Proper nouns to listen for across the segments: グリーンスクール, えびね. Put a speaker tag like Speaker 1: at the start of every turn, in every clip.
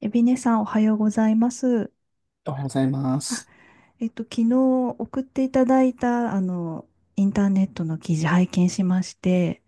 Speaker 1: えびねさん、おはようございます。
Speaker 2: おはようございま
Speaker 1: あ、
Speaker 2: す。
Speaker 1: 昨日送っていただいた、インターネットの記事拝見しまして、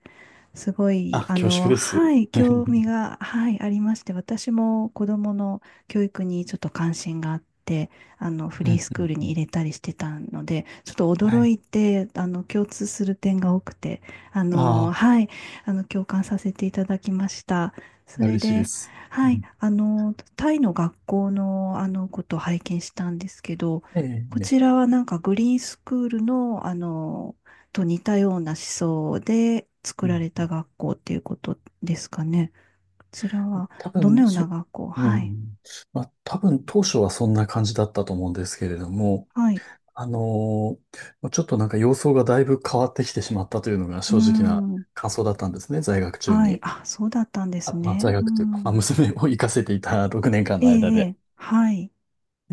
Speaker 1: すごい、
Speaker 2: あ、す。
Speaker 1: はい、
Speaker 2: う
Speaker 1: 興
Speaker 2: ん
Speaker 1: 味が、はい、ありまして、私も子供の教育にちょっと関心があって、フ
Speaker 2: う
Speaker 1: リー
Speaker 2: ん
Speaker 1: スクール
Speaker 2: う
Speaker 1: に
Speaker 2: ん
Speaker 1: 入れたりしてたので、ちょっと
Speaker 2: は
Speaker 1: 驚
Speaker 2: い。
Speaker 1: いて、共通する点が多くて、
Speaker 2: あ
Speaker 1: はい、共感させていただきました。そ
Speaker 2: あ、
Speaker 1: れ
Speaker 2: 嬉しいで
Speaker 1: で、
Speaker 2: す。う
Speaker 1: はい、
Speaker 2: ん。
Speaker 1: タイの学校の、ことを拝見したんですけど、
Speaker 2: ええ、
Speaker 1: こ
Speaker 2: ね。
Speaker 1: ちらはなんかグリーンスクールの、と似たような思想で
Speaker 2: う
Speaker 1: 作ら
Speaker 2: ん
Speaker 1: れ
Speaker 2: う
Speaker 1: た
Speaker 2: ん
Speaker 1: 学校っていうことですかね。こちらは
Speaker 2: 多
Speaker 1: どの
Speaker 2: 分、
Speaker 1: ような
Speaker 2: そ、
Speaker 1: 学校？
Speaker 2: う
Speaker 1: はい。
Speaker 2: ん。まあ、多分当初はそんな感じだったと思うんですけれども、
Speaker 1: はい。
Speaker 2: あのちょっとなんか様相がだいぶ変わってきてしまったというのが
Speaker 1: うー
Speaker 2: 正直な
Speaker 1: ん。
Speaker 2: 感想だったんですね、在学中
Speaker 1: はい。
Speaker 2: に。
Speaker 1: あ、そうだったんです
Speaker 2: まあ、在
Speaker 1: ね。う
Speaker 2: 学というか、まあ、
Speaker 1: ん。
Speaker 2: 娘を行かせていた6年間
Speaker 1: え
Speaker 2: の
Speaker 1: え、
Speaker 2: 間
Speaker 1: え
Speaker 2: で。
Speaker 1: え。はい。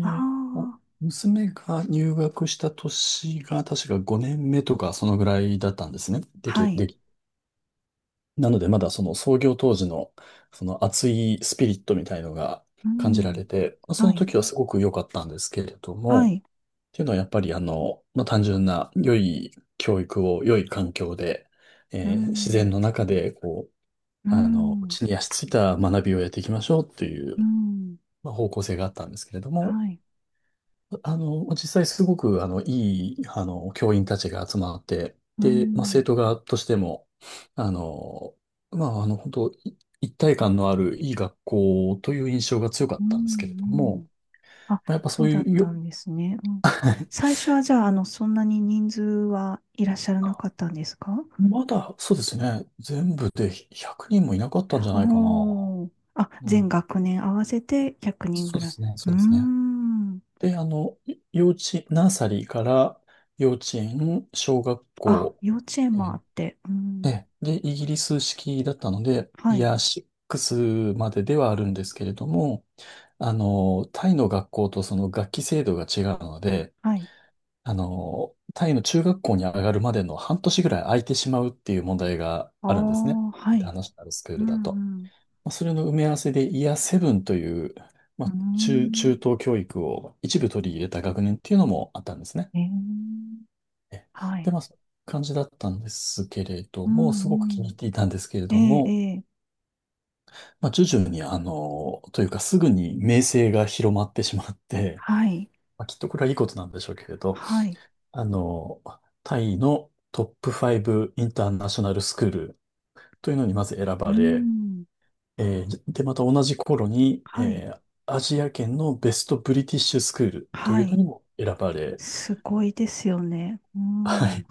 Speaker 1: あ
Speaker 2: あ
Speaker 1: あ、
Speaker 2: 娘が入学した年が確か5年目とかそのぐらいだったんですね。で
Speaker 1: は
Speaker 2: き、
Speaker 1: い。
Speaker 2: でき、なのでまだその創業当時のその熱いスピリットみたいのが
Speaker 1: う
Speaker 2: 感じら
Speaker 1: ん。
Speaker 2: れて、まあ、そ
Speaker 1: は
Speaker 2: の
Speaker 1: い。
Speaker 2: 時はすごく良かったんですけれど
Speaker 1: は
Speaker 2: も、
Speaker 1: い。
Speaker 2: っていうのはやっぱりまあ、単純な良い教育を良い環境で、
Speaker 1: う
Speaker 2: 自然
Speaker 1: ん。
Speaker 2: の中でこう、
Speaker 1: うん。
Speaker 2: 地に足ついた学びをやっていきましょうっていう、
Speaker 1: うん。
Speaker 2: まあ、方向性があったんですけれど
Speaker 1: は
Speaker 2: も、
Speaker 1: い。
Speaker 2: 実際すごく、いい、教員たちが集まって、
Speaker 1: う
Speaker 2: で、まあ、生
Speaker 1: ん。
Speaker 2: 徒側としても、あの、本当い一体感のあるいい学校という印象が強か
Speaker 1: う
Speaker 2: ったんですけれど
Speaker 1: ん。うん。
Speaker 2: も、
Speaker 1: あ、
Speaker 2: まあ、やっぱ
Speaker 1: そ
Speaker 2: そ
Speaker 1: う
Speaker 2: う
Speaker 1: だ
Speaker 2: い
Speaker 1: っ
Speaker 2: う
Speaker 1: た
Speaker 2: よ、
Speaker 1: んですね。うん。最初はじゃあ、そんなに人数はいらっしゃらなかったんですか？
Speaker 2: まだ、そうですね、全部で100人もいなかったんじゃないかな。
Speaker 1: おー。あ、
Speaker 2: う
Speaker 1: 全
Speaker 2: ん。
Speaker 1: 学年合わせて100人ぐ
Speaker 2: そうで
Speaker 1: らい。
Speaker 2: すね、
Speaker 1: う
Speaker 2: そ
Speaker 1: ー
Speaker 2: うですね。
Speaker 1: ん。
Speaker 2: で、あの、い幼稚、ナーサリーから幼稚園、小学
Speaker 1: あ、
Speaker 2: 校、
Speaker 1: 幼稚園
Speaker 2: え
Speaker 1: もあっ
Speaker 2: ー
Speaker 1: て。うん。
Speaker 2: で、イギリス式だったので、
Speaker 1: は
Speaker 2: イ
Speaker 1: い。
Speaker 2: ヤーシックスまでではあるんですけれども、タイの学校とその学期制度が違うので、
Speaker 1: はい。
Speaker 2: タイの中学校に上がるまでの半年ぐらい空いてしまうっていう問題が
Speaker 1: あ
Speaker 2: あるんですね。
Speaker 1: あ、
Speaker 2: イ
Speaker 1: は
Speaker 2: ンター
Speaker 1: い。
Speaker 2: ナショナルスクー
Speaker 1: う
Speaker 2: ルだと。
Speaker 1: ん、うん。
Speaker 2: まあそれの埋め合わせでイヤーセブンという、ま
Speaker 1: うー
Speaker 2: あ、中
Speaker 1: ん。
Speaker 2: 等教育を一部取り入れた学年っていうのもあったんですね。
Speaker 1: ええ、
Speaker 2: え
Speaker 1: は
Speaker 2: で、
Speaker 1: い。
Speaker 2: まあ、そういう感じだったんですけれ
Speaker 1: う
Speaker 2: ども、すごく
Speaker 1: ん、
Speaker 2: 気
Speaker 1: う
Speaker 2: に入
Speaker 1: ん。
Speaker 2: っていたんですけれ
Speaker 1: え
Speaker 2: ど
Speaker 1: え、え
Speaker 2: も、
Speaker 1: え。
Speaker 2: まあ、徐々に、というかすぐに名声が広まってしまって、
Speaker 1: はい。
Speaker 2: まあ、きっとこれはいいことなんでしょうけれど、
Speaker 1: はい。
Speaker 2: あの、タイのトップ5イブインターナショナルスクールというのにまず選
Speaker 1: う
Speaker 2: ばれ、
Speaker 1: ん。
Speaker 2: で、また同じ頃に、
Speaker 1: はい。
Speaker 2: アジア圏のベストブリティッシュスクールとい
Speaker 1: は
Speaker 2: うの
Speaker 1: い。
Speaker 2: にも選ばれ、
Speaker 1: すごいですよね。う
Speaker 2: は
Speaker 1: ん。
Speaker 2: い。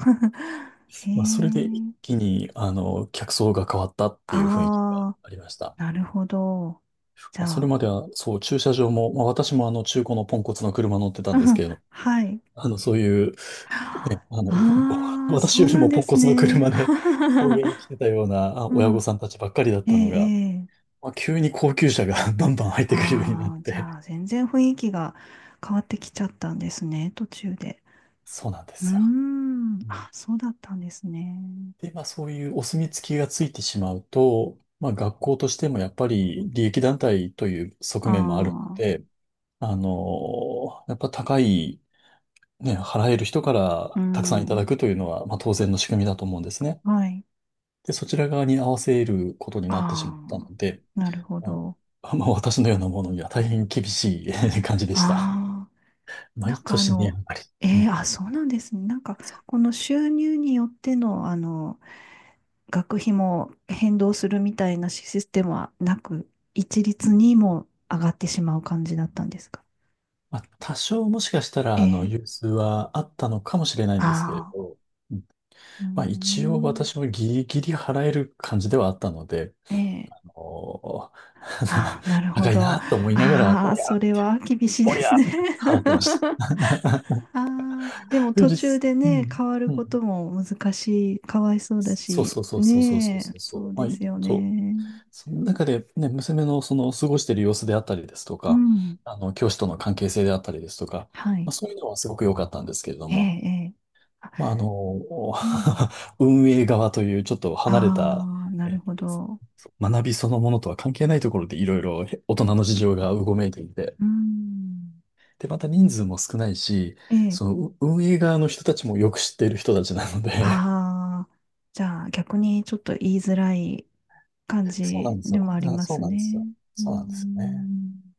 Speaker 1: え
Speaker 2: まあ、それで一
Speaker 1: え。
Speaker 2: 気に、客層が変わったっていう雰囲気が
Speaker 1: あ
Speaker 2: ありました。
Speaker 1: あ、なるほど。じゃ
Speaker 2: まあ、それ
Speaker 1: あ、
Speaker 2: までは、そう、駐車場も、まあ、私も中古のポンコツの車乗ってた
Speaker 1: う
Speaker 2: んですけ
Speaker 1: ん
Speaker 2: れど、
Speaker 1: はい。
Speaker 2: あの、そういう、ね、あ
Speaker 1: あ
Speaker 2: の、
Speaker 1: あ、そ
Speaker 2: 私よ
Speaker 1: う
Speaker 2: り
Speaker 1: なん
Speaker 2: も
Speaker 1: で
Speaker 2: ポン
Speaker 1: す
Speaker 2: コツの
Speaker 1: ね。
Speaker 2: 車で 送迎に来てたような
Speaker 1: う
Speaker 2: 親御
Speaker 1: ん。
Speaker 2: さんたちばっかりだっ
Speaker 1: ええ、
Speaker 2: たのが、
Speaker 1: ええ。
Speaker 2: まあ、急に高級車が バンバン入ってくるようになっ
Speaker 1: ああ、じ
Speaker 2: て、
Speaker 1: ゃあ、全然雰囲気が変わってきちゃったんですね、途中で。
Speaker 2: そうなんで
Speaker 1: うー
Speaker 2: すよ。
Speaker 1: ん。
Speaker 2: うん。
Speaker 1: あ、そうだったんですね。
Speaker 2: で、まあ、そういうお墨付きがついてしまうと、まあ、学校としてもやっぱり利益団体という側面もあるの
Speaker 1: ああ、
Speaker 2: で、やっぱ高いね、払える人か
Speaker 1: う
Speaker 2: らたくさんいただ
Speaker 1: ん。
Speaker 2: くというのは、まあ、当然の仕組みだと思うんですね。
Speaker 1: はい。
Speaker 2: で、そちら側に合わせることになってしまったの
Speaker 1: ああ、
Speaker 2: で、
Speaker 1: なるほ
Speaker 2: ま
Speaker 1: ど。
Speaker 2: まあ、私のようなものには大変厳しい 感じでした。
Speaker 1: ああ、な
Speaker 2: 毎
Speaker 1: んか
Speaker 2: 年値上がり。う
Speaker 1: ええ、
Speaker 2: ん。
Speaker 1: あ、そうなんですね。なんか、この収入によっての、学費も変動するみたいなシステムはなく、一律にも上がってしまう感じだったんですか？
Speaker 2: まあ、多少もしかした
Speaker 1: え
Speaker 2: ら、
Speaker 1: え。
Speaker 2: 融通はあったのかもしれない
Speaker 1: あ
Speaker 2: んですけれ
Speaker 1: あ。
Speaker 2: ど、うん、
Speaker 1: うー
Speaker 2: まあ、一応
Speaker 1: ん。
Speaker 2: 私もギリギリ払える感じではあったので、
Speaker 1: ええ。
Speaker 2: おー
Speaker 1: ああ、な るほ
Speaker 2: 高い
Speaker 1: ど。あ
Speaker 2: なと思いながら、
Speaker 1: あ、それは厳しい
Speaker 2: お
Speaker 1: で
Speaker 2: り
Speaker 1: す
Speaker 2: ゃっ
Speaker 1: ね。
Speaker 2: て払ってまし た。
Speaker 1: ああ、でも
Speaker 2: そう
Speaker 1: 途
Speaker 2: で
Speaker 1: 中
Speaker 2: す。
Speaker 1: で
Speaker 2: う
Speaker 1: ね、
Speaker 2: ん。
Speaker 1: 変わる
Speaker 2: う
Speaker 1: こと
Speaker 2: ん。
Speaker 1: も難しい、かわいそうだ
Speaker 2: そう
Speaker 1: し、
Speaker 2: そうそうそうそうそう
Speaker 1: ね
Speaker 2: そ
Speaker 1: え、
Speaker 2: うそ
Speaker 1: そ
Speaker 2: う。
Speaker 1: うですよね。
Speaker 2: その中でね、娘のその過ごしている様子であったりですと
Speaker 1: う
Speaker 2: か、
Speaker 1: ん。
Speaker 2: 教師との関係性であったりですとか、
Speaker 1: は
Speaker 2: まあ、
Speaker 1: い。
Speaker 2: そういうのはすごく良かったんですけれど
Speaker 1: ええ、
Speaker 2: も、
Speaker 1: ええ。あ、
Speaker 2: まあ、あの、
Speaker 1: うん。
Speaker 2: 運営側というちょっと離れた、
Speaker 1: ああ、なる
Speaker 2: え
Speaker 1: ほど。
Speaker 2: 学びそのものとは関係ないところでいろいろ大人の事情がうごめいていて、
Speaker 1: うーん
Speaker 2: で、また人数も少ないし、
Speaker 1: ええ。
Speaker 2: その運営側の人たちもよく知っている人たちなので、
Speaker 1: ああ、じゃあ逆にちょっと言いづらい感
Speaker 2: そうな
Speaker 1: じ
Speaker 2: んです
Speaker 1: で
Speaker 2: よ。
Speaker 1: もありま
Speaker 2: そう
Speaker 1: す
Speaker 2: なんです
Speaker 1: ね。
Speaker 2: よ。
Speaker 1: うー
Speaker 2: そうなんですよね。
Speaker 1: ん、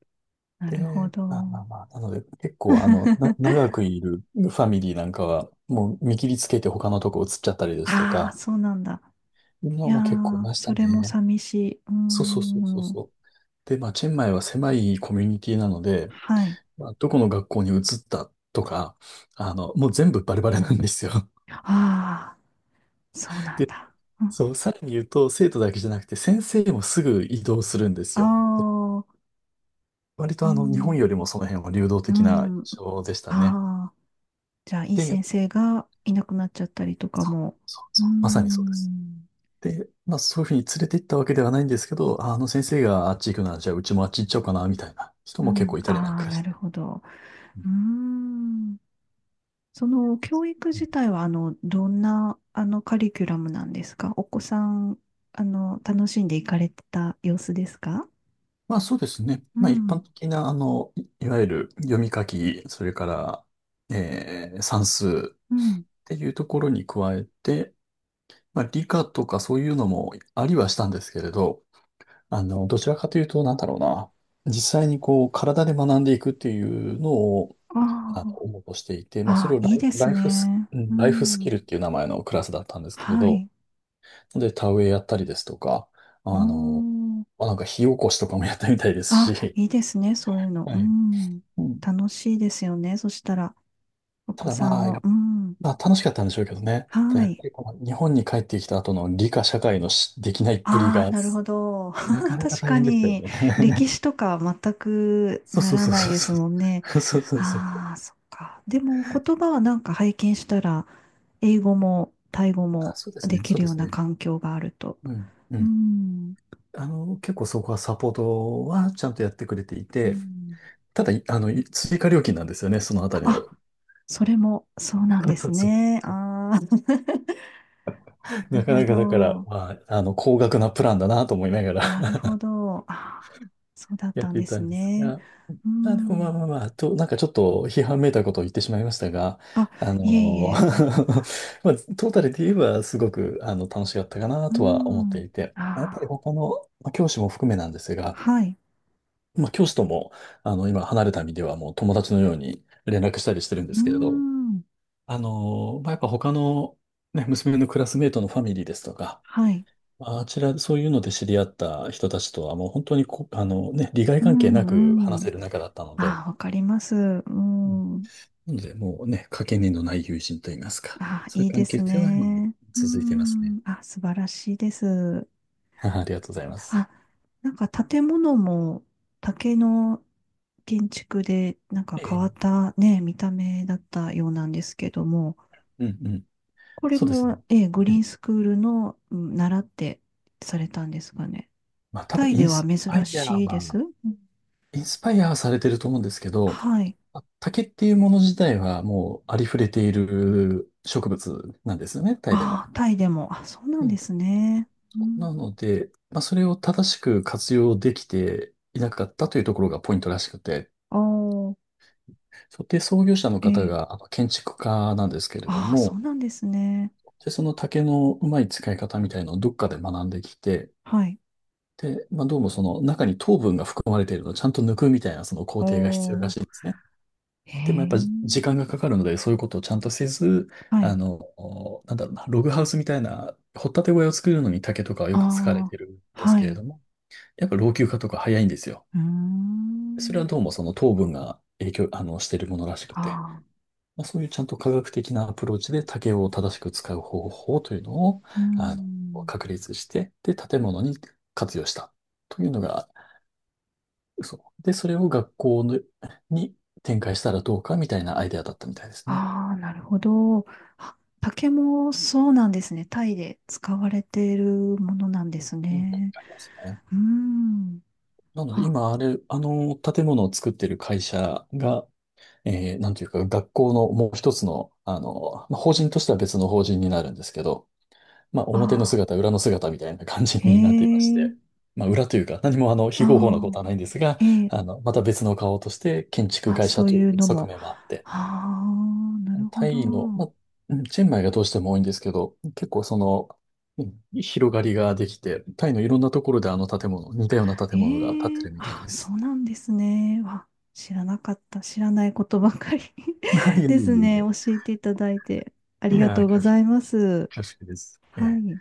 Speaker 1: なるほ
Speaker 2: で、
Speaker 1: ど。
Speaker 2: まあ、なので結構長くいるファミリーなんかは、もう見切りつけて他のとこ移っちゃったりですと
Speaker 1: ああ、
Speaker 2: か、
Speaker 1: そうなんだ。
Speaker 2: う
Speaker 1: い
Speaker 2: の
Speaker 1: や
Speaker 2: も結構い
Speaker 1: ー、
Speaker 2: まし
Speaker 1: そ
Speaker 2: た
Speaker 1: れも
Speaker 2: ね。
Speaker 1: 寂しい。うー
Speaker 2: そうそうそうそう
Speaker 1: ん、
Speaker 2: そう。で、まあ、チェンマイは狭いコミュニティなので、
Speaker 1: はい。
Speaker 2: まあ、どこの学校に移ったとか、もう全部バレバレなんですよ。
Speaker 1: ああ、そう なん
Speaker 2: で、
Speaker 1: だ。うん、
Speaker 2: そう、さらに言うと、生徒だけじゃなくて、先生もすぐ移動するんで
Speaker 1: あ
Speaker 2: すよ。
Speaker 1: あ、
Speaker 2: 割
Speaker 1: う
Speaker 2: と日本
Speaker 1: ん、
Speaker 2: よりもその辺は流動
Speaker 1: う
Speaker 2: 的な
Speaker 1: ん、
Speaker 2: 印象でしたね。
Speaker 1: ああ、じゃあ、いい
Speaker 2: で、
Speaker 1: 先生がいなくなっちゃったりとかも。
Speaker 2: そう
Speaker 1: うー
Speaker 2: そう、まさにそうです。
Speaker 1: ん
Speaker 2: で、まあそういうふうに連れて行ったわけではないんですけど、あの先生があっち行くなら、じゃあうちもあっち行っちゃおうかな、みたいな人
Speaker 1: う
Speaker 2: も結
Speaker 1: ん、
Speaker 2: 構いたりなん
Speaker 1: ああ、
Speaker 2: かし
Speaker 1: なる
Speaker 2: て。
Speaker 1: ほど。う
Speaker 2: う
Speaker 1: ーん。その教育
Speaker 2: ん。
Speaker 1: 自体は、どんな、カリキュラムなんですか？お子さん、楽しんでいかれてた様子ですか？
Speaker 2: まあそうですね。
Speaker 1: う
Speaker 2: まあ一般
Speaker 1: ん、
Speaker 2: 的な、いわゆる読み書き、それから、算数
Speaker 1: う
Speaker 2: っ
Speaker 1: ん。
Speaker 2: ていうところに加えて、まあ理科とかそういうのもありはしたんですけれど、どちらかというと、なんだろうな。実際にこう、体で学んでいくっていうのを、
Speaker 1: あ
Speaker 2: あの、応募していて、
Speaker 1: あ、
Speaker 2: まあ、そ
Speaker 1: あ
Speaker 2: れ
Speaker 1: あ、
Speaker 2: を
Speaker 1: いいですね。う
Speaker 2: ライフスキ
Speaker 1: ん。
Speaker 2: ルっていう名前のクラスだったんですけれ
Speaker 1: は
Speaker 2: ど、
Speaker 1: い。
Speaker 2: で、田植えやったりですとか、
Speaker 1: お
Speaker 2: あの、
Speaker 1: ー。
Speaker 2: まあ、なんか火起こしとかもやったみたいです
Speaker 1: あ、
Speaker 2: し、
Speaker 1: いいですね、そういうの。
Speaker 2: は
Speaker 1: う
Speaker 2: い。
Speaker 1: ん。
Speaker 2: うん。
Speaker 1: 楽しいですよね。そしたら、お
Speaker 2: た
Speaker 1: 子
Speaker 2: だ
Speaker 1: さ
Speaker 2: ま
Speaker 1: ん
Speaker 2: あ、
Speaker 1: も。うん。
Speaker 2: まあ、楽しかったんでしょうけどね。た
Speaker 1: は
Speaker 2: だやっぱ
Speaker 1: い。
Speaker 2: りこの日本に帰ってきた後の理科社会のしできないっぷり
Speaker 1: ああ、
Speaker 2: が、
Speaker 1: なるほど。
Speaker 2: なか なか
Speaker 1: 確
Speaker 2: 大
Speaker 1: か
Speaker 2: 変でしたよ
Speaker 1: に、
Speaker 2: ね。
Speaker 1: 歴史とか全 く
Speaker 2: そう
Speaker 1: な
Speaker 2: そう
Speaker 1: ら
Speaker 2: そう
Speaker 1: ない
Speaker 2: そう
Speaker 1: です
Speaker 2: そ
Speaker 1: もんね。
Speaker 2: う。そうそうそう。
Speaker 1: ああ、そっか。でも、言葉はなんか拝見したら、英語もタイ語
Speaker 2: あ、
Speaker 1: も
Speaker 2: そうです
Speaker 1: で
Speaker 2: ね、
Speaker 1: き
Speaker 2: そう
Speaker 1: る
Speaker 2: で
Speaker 1: よう
Speaker 2: す
Speaker 1: な
Speaker 2: ね。
Speaker 1: 環境があると。
Speaker 2: うん、う
Speaker 1: う
Speaker 2: ん。
Speaker 1: ん。
Speaker 2: 結構そこはサポートはちゃんとやってくれてい
Speaker 1: う
Speaker 2: て、
Speaker 1: ん。
Speaker 2: ただ、いあの、い追加料金なんですよね、そのあたりの。
Speaker 1: あ、それもそうなんです
Speaker 2: そう。
Speaker 1: ね。ああ、な
Speaker 2: な
Speaker 1: る
Speaker 2: か
Speaker 1: ほ
Speaker 2: なかだから、
Speaker 1: ど。
Speaker 2: まあ、高額なプランだなと思いながら
Speaker 1: なる ほど。あーそうだっ
Speaker 2: やっ
Speaker 1: たん
Speaker 2: てい
Speaker 1: で
Speaker 2: た
Speaker 1: す
Speaker 2: んです
Speaker 1: ね。
Speaker 2: が、
Speaker 1: う
Speaker 2: まあでもまあ
Speaker 1: ん。
Speaker 2: まあまあ、と、なんかちょっと批判めいたことを言ってしまいましたが、
Speaker 1: あ、いえい
Speaker 2: ま
Speaker 1: え。
Speaker 2: あ、トータルで言えばすごく楽しかったかな
Speaker 1: う
Speaker 2: とは思って
Speaker 1: ん。
Speaker 2: いて、やっぱり
Speaker 1: ああ。
Speaker 2: 他の、まあ、教師も含めなんですが、
Speaker 1: はい。
Speaker 2: まあ、教師とも、今離れた身ではもう友達のように連絡したりしてるんで
Speaker 1: うー
Speaker 2: すけれど、
Speaker 1: ん。
Speaker 2: まあ、やっぱ他の、ね、娘のクラスメートのファミリーですとか、
Speaker 1: はい。
Speaker 2: まああちら、そういうので知り合った人たちとはもう本当にこ、あのね、利害
Speaker 1: う
Speaker 2: 関係なく
Speaker 1: ん、う
Speaker 2: 話
Speaker 1: ん。
Speaker 2: せる仲だったので、
Speaker 1: ああ、わかります。う
Speaker 2: うん。
Speaker 1: ん。
Speaker 2: なので、もうね、かけねのない友人といいますか、
Speaker 1: ああ、
Speaker 2: そうい
Speaker 1: い
Speaker 2: う
Speaker 1: いで
Speaker 2: 関係
Speaker 1: す
Speaker 2: 性は今も
Speaker 1: ね。う
Speaker 2: 続いていますね。
Speaker 1: ん。あ、素晴らしいです。
Speaker 2: ありがとうございます。
Speaker 1: あ、なんか建物も竹の建築でなんか
Speaker 2: え
Speaker 1: 変わっ
Speaker 2: え、
Speaker 1: たね、見た目だったようなんですけども、
Speaker 2: うんうん。
Speaker 1: これ
Speaker 2: そうですね。
Speaker 1: も、ええ、グリー
Speaker 2: ね
Speaker 1: ンスクールの習ってされたんですかね。
Speaker 2: まあ多
Speaker 1: タ
Speaker 2: 分
Speaker 1: イ
Speaker 2: イ
Speaker 1: で
Speaker 2: ン
Speaker 1: は
Speaker 2: スパ
Speaker 1: 珍
Speaker 2: イア
Speaker 1: しいで
Speaker 2: は、
Speaker 1: す。うん
Speaker 2: インスパイアされてると思うんですけど、
Speaker 1: はい。
Speaker 2: 竹っていうもの自体はもうありふれている植物なんですよね、タイでも。
Speaker 1: ああ、タイでも。あ、そうな
Speaker 2: う
Speaker 1: んで
Speaker 2: ん。
Speaker 1: すね。う
Speaker 2: な
Speaker 1: ん。
Speaker 2: ので、まあ、それを正しく活用できていなかったというところがポイントらしくて、
Speaker 1: ああ、
Speaker 2: そうで、創業者の
Speaker 1: え
Speaker 2: 方
Speaker 1: え。
Speaker 2: があの建築家なんですけれど
Speaker 1: ああ、そ
Speaker 2: も、
Speaker 1: うなんですね。
Speaker 2: で、その竹のうまい使い方みたいのをどっかで学んできて、
Speaker 1: はい。
Speaker 2: で、まあ、どうもその中に糖分が含まれているのをちゃんと抜くみたいなその工
Speaker 1: お
Speaker 2: 程が必要ら
Speaker 1: ー、
Speaker 2: しいんですね。
Speaker 1: へ
Speaker 2: でもやっ
Speaker 1: え。
Speaker 2: ぱ時間がかかるので、そういうことをちゃんとせず、
Speaker 1: はい。
Speaker 2: なんだろうな、ログハウスみたいな、掘ったて小屋を作るのに竹とかはよ
Speaker 1: あ
Speaker 2: く使われてるん
Speaker 1: あ、
Speaker 2: です
Speaker 1: は
Speaker 2: けれ
Speaker 1: い。
Speaker 2: ども、やっぱ老朽化とか早いんですよ。
Speaker 1: うー
Speaker 2: それは
Speaker 1: ん。
Speaker 2: どうもその糖分が影響、してるものらしくて、
Speaker 1: ああ、
Speaker 2: まあ、そういうちゃんと科学的なアプローチで竹を正しく使う方法というのを、
Speaker 1: うー
Speaker 2: あ
Speaker 1: ん。
Speaker 2: 確立して、で、建物に活用したというのが、そう。で、それを学校のに展開したらどうかみたいなアイデアだったみたいですね。
Speaker 1: ああ、なるほど。あ、竹もそうなんですね。タイで使われているものなんです
Speaker 2: うん。
Speaker 1: ね。
Speaker 2: ありますね。
Speaker 1: うーん。
Speaker 2: なので、
Speaker 1: あ、
Speaker 2: 今、あの建物を作ってる会社が、なんていうか、学校のもう一つの、まあ、法人としては別の法人になるんですけど、まあ、
Speaker 1: あ
Speaker 2: 表の
Speaker 1: あ、
Speaker 2: 姿、裏の姿みたいな感じ
Speaker 1: へ
Speaker 2: になっていまし
Speaker 1: え。
Speaker 2: て、まあ、裏というか、何も非合法なこ
Speaker 1: あ
Speaker 2: とはないんですが、
Speaker 1: あ、ええ
Speaker 2: また別の顔として建築
Speaker 1: あ、
Speaker 2: 会社
Speaker 1: そう
Speaker 2: とい
Speaker 1: いう
Speaker 2: う
Speaker 1: の
Speaker 2: 側
Speaker 1: も。
Speaker 2: 面もあって、
Speaker 1: ああ、なるほ
Speaker 2: タ
Speaker 1: ど。
Speaker 2: イの、まあ、うんチェンマイがどうしても多いんですけど、結構その、うん広がりができて、タイのいろんなところであの建物、似たような建物が建っ
Speaker 1: ええ
Speaker 2: てるみたい
Speaker 1: あ、
Speaker 2: で
Speaker 1: そ
Speaker 2: す。
Speaker 1: うなんですね。わ、知らなかった。知らないことばかり
Speaker 2: いやい やい
Speaker 1: ですね。
Speaker 2: やい
Speaker 1: 教えていただいてあり
Speaker 2: い
Speaker 1: が
Speaker 2: や
Speaker 1: と
Speaker 2: ー、
Speaker 1: うございます。
Speaker 2: 恐縮です。え
Speaker 1: は
Speaker 2: え
Speaker 1: い。